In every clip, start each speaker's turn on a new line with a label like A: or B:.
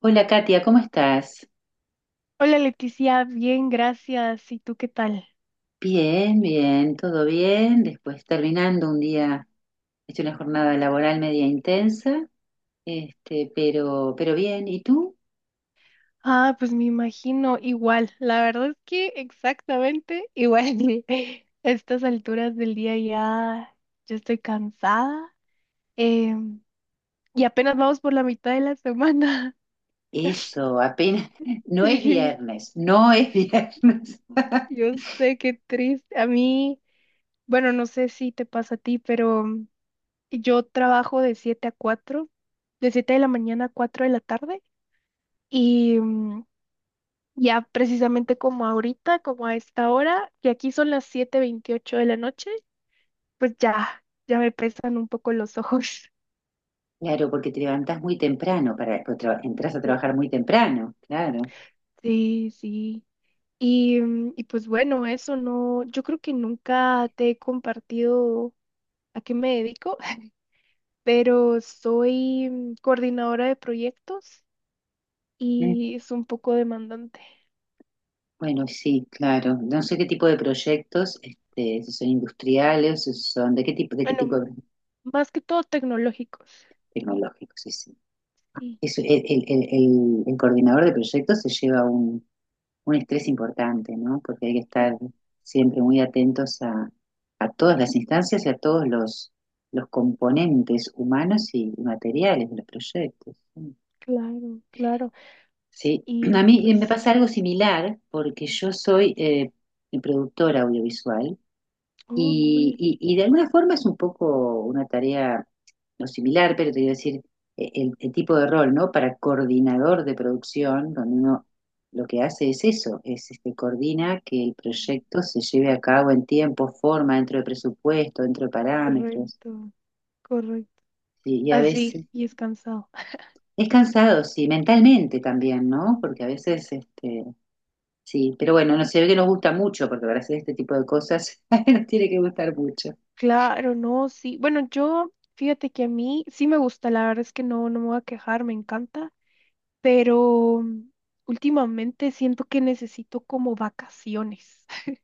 A: Hola Katia, ¿cómo estás?
B: Hola Leticia, bien, gracias. ¿Y tú qué tal?
A: Bien, bien, todo bien. Después terminando un día, he hecho una jornada laboral media intensa, pero bien. ¿Y tú?
B: Ah, pues me imagino igual. La verdad es que exactamente igual. A estas alturas del día ya estoy cansada. em, y apenas vamos por la mitad de la semana.
A: Eso, apenas. No es
B: Sí,
A: viernes, no es viernes.
B: yo sé qué triste. A mí, bueno, no sé si te pasa a ti, pero yo trabajo de 7 a 4, de 7 de la mañana a 4 de la tarde. Y mm, Ya precisamente como ahorita, como a esta hora, que aquí son las 7:28 de la noche, pues ya me pesan un poco los ojos.
A: Claro, porque te levantás muy temprano, porque entras a
B: Sí,
A: trabajar muy temprano, claro.
B: sí. Sí. Y pues bueno, eso no, yo creo que nunca te he compartido a qué me dedico, pero soy coordinadora de proyectos
A: Mm,
B: y es un poco demandante.
A: Bueno, sí, claro. No sé qué tipo de proyectos, si son industriales, si son, de qué tipo
B: Bueno,
A: de
B: más que todo tecnológicos.
A: tecnológicos, sí, sí.
B: Sí,
A: El coordinador de proyectos se lleva un estrés importante, ¿no? Porque hay que
B: mm,
A: estar siempre muy atentos a todas las instancias y a todos los componentes humanos y materiales de los proyectos.
B: claro, claro.
A: Sí, a
B: Y
A: mí me
B: pues,
A: pasa algo similar porque yo soy productora audiovisual
B: oh, cool.
A: y, y de alguna forma es un poco una tarea no similar, pero te iba a decir el tipo de rol, ¿no? Para coordinador de producción, donde uno lo que hace es eso, es coordina que el proyecto se lleve a cabo en tiempo, forma, dentro de presupuesto, dentro de parámetros.
B: Correcto, correcto.
A: Y a
B: Así,
A: veces
B: y es cansado.
A: es cansado, sí, mentalmente también, ¿no?
B: Mm.
A: Porque a veces, sí, pero bueno, no se ve que nos gusta mucho, porque para hacer este tipo de cosas nos tiene que gustar mucho.
B: Claro, no, sí. Bueno, yo, fíjate que a mí sí me gusta, la verdad es que no, no me voy a quejar, me encanta, pero últimamente siento que necesito como vacaciones.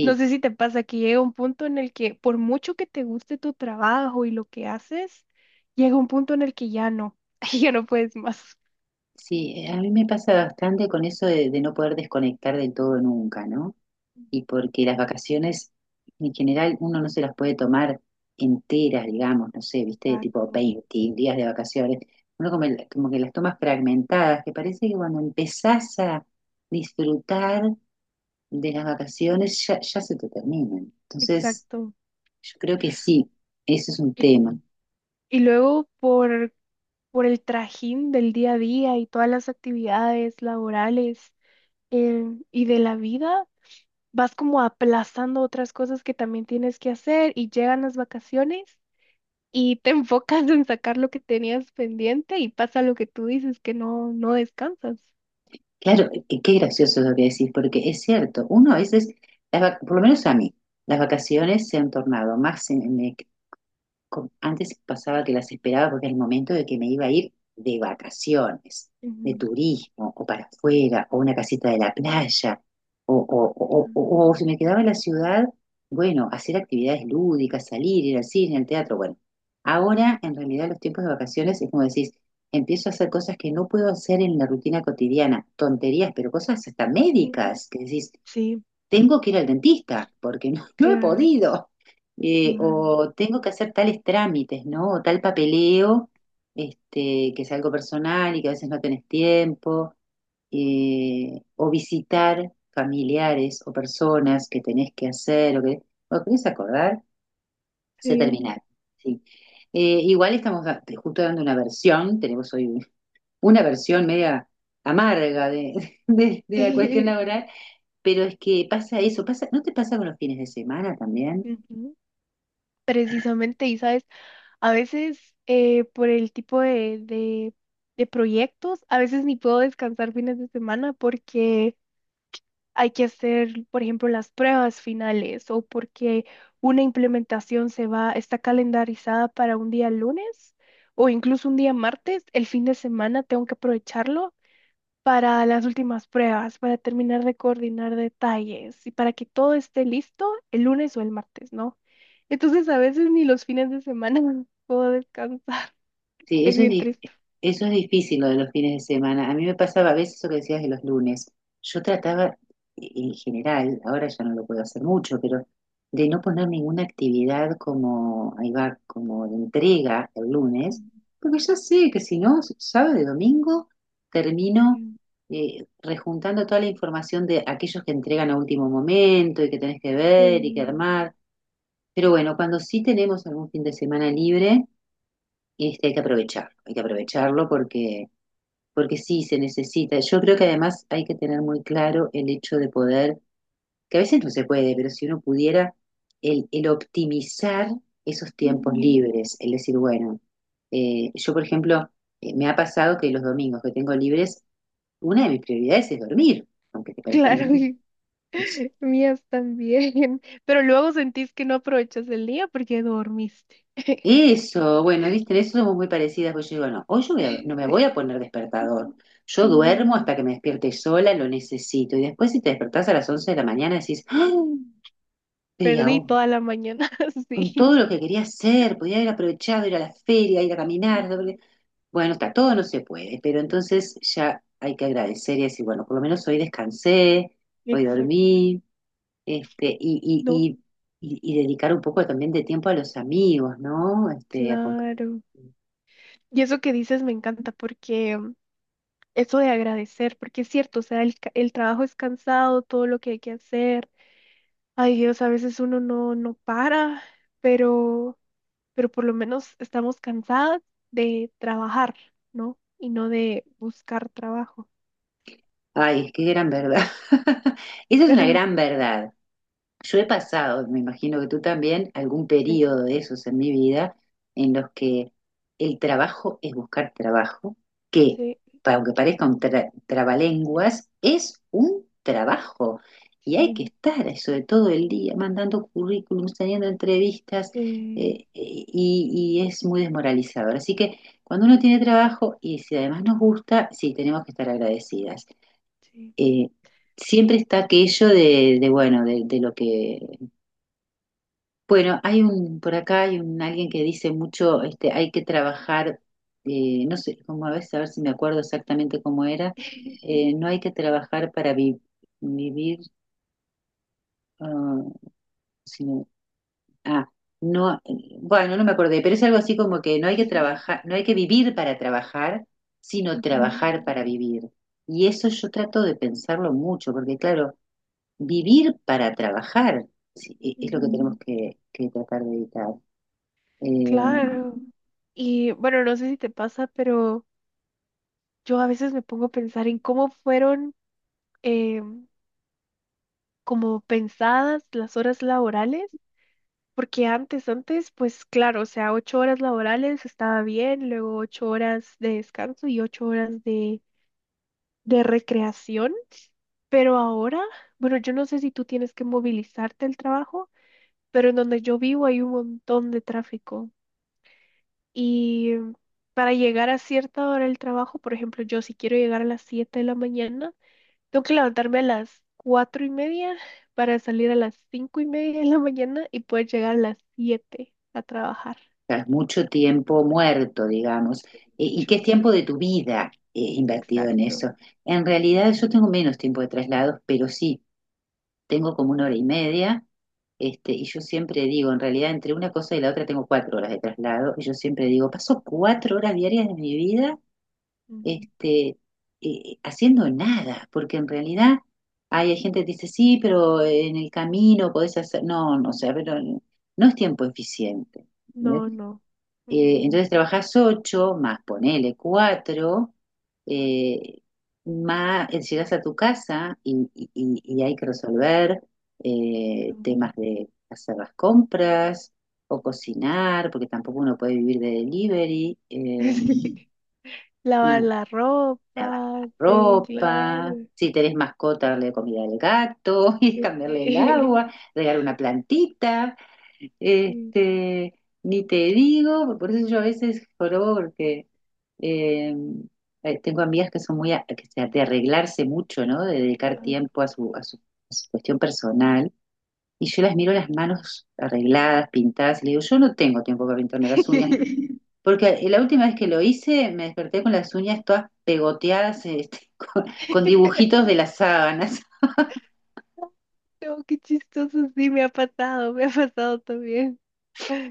B: No sé si te pasa que llega un punto en el que por mucho que te guste tu trabajo y lo que haces, llega un punto en el que ya no, ya no puedes más.
A: Sí, a mí me pasa bastante con eso de no poder desconectar del todo nunca, ¿no? Y porque las vacaciones en general uno no se las puede tomar enteras, digamos, no sé, viste, tipo
B: Exacto,
A: 20 días de vacaciones. Uno como, como que las tomas fragmentadas, que parece que cuando empezás a disfrutar de las vacaciones ya, ya se te terminan. Entonces,
B: exacto.
A: yo creo que sí, eso es un
B: Y,
A: tema.
B: y luego por el trajín del día a día y todas las actividades laborales, eh, y de la vida, vas como aplazando otras cosas que también tienes que hacer y llegan las vacaciones y te enfocas en sacar lo que tenías pendiente y pasa lo que tú dices, que no, no descansas.
A: Claro, qué gracioso lo que decís, porque es cierto, uno a veces, por lo menos a mí, las vacaciones se han tornado más como antes pasaba que las esperaba porque era el momento de que me iba a ir de vacaciones, de
B: Ujú.
A: turismo, o para afuera, o una casita de la playa, o si me quedaba en la ciudad, bueno, hacer actividades lúdicas, salir, ir al cine, al teatro, bueno. Ahora, en realidad, los tiempos de vacaciones es como decís, empiezo a hacer cosas que no puedo hacer en la rutina cotidiana, tonterías, pero cosas hasta
B: Mm,
A: médicas, que decís,
B: sí,
A: tengo que ir al dentista porque no he
B: claro,
A: podido,
B: claro.
A: o tengo que hacer tales trámites, ¿no? O tal papeleo, que es algo personal y que a veces no tenés tiempo, o visitar familiares o personas que tenés que hacer, o que, o querés acordar, se
B: Sí.
A: terminar, ¿sí? Igual estamos justo dando una versión, tenemos hoy una versión media amarga de la cuestión laboral, pero es que pasa eso, pasa, ¿no te pasa con los fines de semana también?
B: Ujú. Precisamente, y sabes. A veces, por el tipo de proyectos, a veces ni puedo descansar fines de semana porque hay que hacer, por ejemplo, las pruebas finales o porque una implementación se va, está calendarizada para un día lunes o incluso un día martes. El fin de semana tengo que aprovecharlo para las últimas pruebas, para terminar de coordinar detalles y para que todo esté listo el lunes o el martes, ¿no? Entonces, a veces ni los fines de semana puedo descansar.
A: Sí,
B: Es bien triste.
A: eso es difícil lo de los fines de semana. A mí me pasaba a veces eso que decías de los lunes. Yo trataba, en general, ahora ya no lo puedo hacer mucho, pero de no poner ninguna actividad como, ahí va, como de entrega el lunes,
B: Mm.
A: porque ya sé que si no, sábado y domingo termino rejuntando toda la información de aquellos que entregan a último momento y que tenés que ver y que
B: Sí.
A: armar. Pero bueno, cuando sí tenemos algún fin de semana libre, hay que aprovecharlo porque sí se necesita. Yo creo que además hay que tener muy claro el hecho de poder, que a veces no se puede, pero si uno pudiera, el optimizar esos tiempos
B: Ujú.
A: libres, el decir, bueno, yo por ejemplo, me ha pasado que los domingos que tengo libres, una de mis prioridades es dormir, aunque te parezca
B: Claro,
A: mentira.
B: y mías también. Pero luego sentís que no aprovechas el día porque dormiste.
A: Eso, bueno, viste, en eso somos muy parecidas, porque yo digo, no, hoy no me voy
B: Sí.
A: a poner despertador. Yo
B: Ujú.
A: duermo hasta que me despierte sola, lo necesito. Y después si te despertás a las 11 de la mañana decís, ¡ay! Pero y
B: Perdí
A: aún,
B: toda la mañana,
A: con
B: sí.
A: todo lo que quería hacer, podía haber aprovechado ir a la feria, ir a
B: Mm.
A: caminar. Bueno, está todo, no se puede, pero entonces ya hay que agradecer y decir, bueno, por lo menos hoy descansé, hoy
B: Exacto.
A: dormí, este, y,
B: No,
A: y, y dedicar un poco también de tiempo a los amigos, ¿no? Este, a compartir.
B: claro. Y eso que dices me encanta porque eso de agradecer, porque es cierto, o sea, el trabajo es cansado, todo lo que hay que hacer. Ay Dios, a veces uno no, no para, pero... pero por lo menos estamos cansadas de trabajar, ¿no? Y no de buscar trabajo.
A: Ay, qué gran verdad. Esa es una
B: ¿Verdad?
A: gran verdad. Yo he pasado, me imagino que tú también, algún
B: Sí,
A: periodo de esos en mi vida en los que el trabajo es buscar trabajo, que,
B: sí,
A: aunque parezca un trabalenguas, es un trabajo. Y hay que
B: sí,
A: estar eso de todo el día, mandando currículums, teniendo entrevistas,
B: sí,
A: y es muy desmoralizador. Así que cuando uno tiene trabajo y si además nos gusta, sí, tenemos que estar agradecidas.
B: sí.
A: eh, Siempre está aquello bueno, de lo que... Bueno, hay un, por acá hay un, alguien que dice mucho, hay que trabajar, no sé, como a veces, a ver si me acuerdo exactamente cómo era, no hay que trabajar para vivir, ah, sino, ah, no, bueno, no me acordé, pero es algo así como que no hay que trabajar, no hay que vivir para trabajar, sino
B: Ok.
A: trabajar para vivir. Y eso yo trato de pensarlo mucho, porque claro, vivir para trabajar, sí, es lo que
B: Mm.
A: tenemos que tratar de evitar. Eh,
B: Claro. Y bueno, no sé si te pasa, pero yo a veces me pongo a pensar en cómo fueron, eh, como pensadas las horas laborales, porque antes, antes, pues claro, o sea, 8 horas laborales estaba bien, luego 8 horas de descanso y 8 horas de recreación, pero ahora, bueno, yo no sé si tú tienes que movilizarte al trabajo, pero en donde yo vivo hay un montón de tráfico y para llegar a cierta hora del trabajo, por ejemplo, yo si quiero llegar a las 7 de la mañana, tengo que levantarme a las 4:30 para salir a las 5:30 de la mañana y poder llegar a las 7 a trabajar.
A: tras mucho tiempo muerto, digamos, y
B: Mucho,
A: qué es tiempo
B: sí,
A: de tu vida invertido en
B: exacto.
A: eso. En realidad yo tengo menos tiempo de traslados, pero sí, tengo como una hora y media, y yo siempre digo, en realidad entre una cosa y la otra tengo 4 horas de traslado, y yo siempre digo, paso 4 horas diarias de mi vida
B: Ujú.
A: este, haciendo nada, porque en realidad hay gente que dice, sí, pero en el camino podés hacer, no, no, o sea, pero no es tiempo eficiente.
B: No,
A: ¿Entendés?
B: no. Mm.
A: Entonces trabajás ocho, más ponele cuatro, eh, más llegás a tu casa y, y hay que resolver
B: Mm.
A: temas de hacer las compras o cocinar, porque tampoco uno puede vivir de delivery.
B: Sí. Lavar
A: Y,
B: la
A: lavar
B: ropa,
A: la
B: sí,
A: ropa,
B: claro.
A: si tenés mascota, darle comida al gato, y cambiarle el
B: Sí.
A: agua, regar una plantita,
B: Sí.
A: este, ni te digo, por eso yo a veces jorobo porque eh, tengo amigas que son muy a- que se- de arreglarse mucho, ¿no? De dedicar
B: Ah.
A: tiempo a su cuestión personal. Y yo las miro las manos arregladas, pintadas, y le digo, yo no tengo tiempo para pintarme las uñas, porque la última vez que lo hice me desperté con las uñas todas pegoteadas, con dibujitos de las sábanas.
B: No, qué chistoso, sí, me ha pasado también.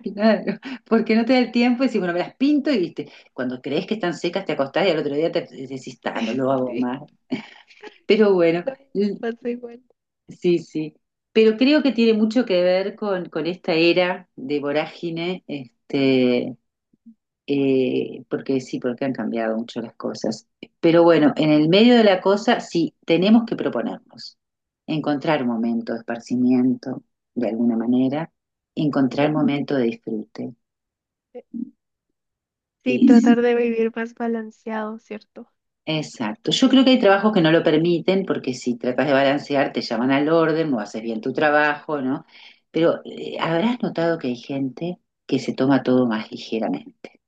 A: Claro, porque no te da el tiempo y decís, bueno, me las pinto y viste, cuando crees que están secas te acostás y al otro día te decís, ah, no lo hago
B: Sí,
A: más. Pero bueno,
B: no,
A: l-
B: pasa igual.
A: sí, sí. Pero creo que tiene mucho que ver con esta era de vorágine, porque sí, porque han cambiado mucho las cosas. Pero bueno, en el medio de la cosa sí tenemos que proponernos, encontrar un momento de esparcimiento, de alguna manera, encontrar un momento de disfrute.
B: Sí,
A: Y
B: tratar
A: sí,
B: de vivir más balanceado, ¿cierto?
A: exacto. Yo creo que hay trabajos que no lo permiten, porque si tratas de balancear, te llaman al orden, no haces bien tu trabajo, ¿no? Pero habrás notado que hay gente que se toma todo más ligeramente.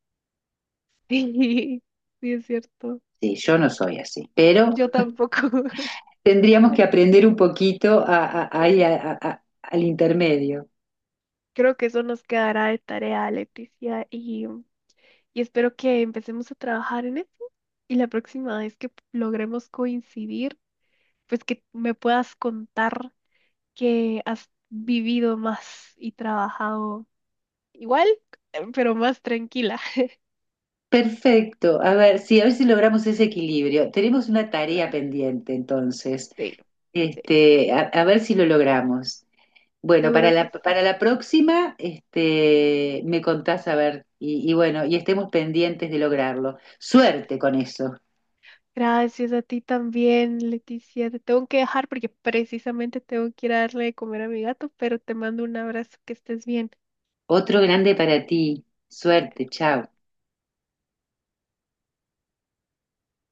B: Sí, sí, es cierto.
A: Sí, yo no soy así, pero
B: Yo tampoco.
A: tendríamos que aprender un poquito
B: Sí.
A: ahí al intermedio.
B: Creo que eso nos quedará de tarea, Leticia, y espero que empecemos a trabajar en eso. Y la próxima vez que logremos coincidir, pues que me puedas contar que has vivido más y trabajado igual, pero más tranquila.
A: Perfecto. A ver, sí, a ver si logramos ese equilibrio. Tenemos una tarea
B: Claro,
A: pendiente, entonces.
B: sí, sí,
A: A a ver si lo logramos. Bueno,
B: seguro que sí.
A: para la próxima, me contás a ver, y, bueno, y estemos pendientes de lograrlo. Suerte con eso.
B: Gracias a ti también, Leticia. Te tengo que dejar porque precisamente tengo que ir a darle de comer a mi gato, pero te mando un abrazo, que estés bien.
A: Otro grande para ti. Suerte, chao.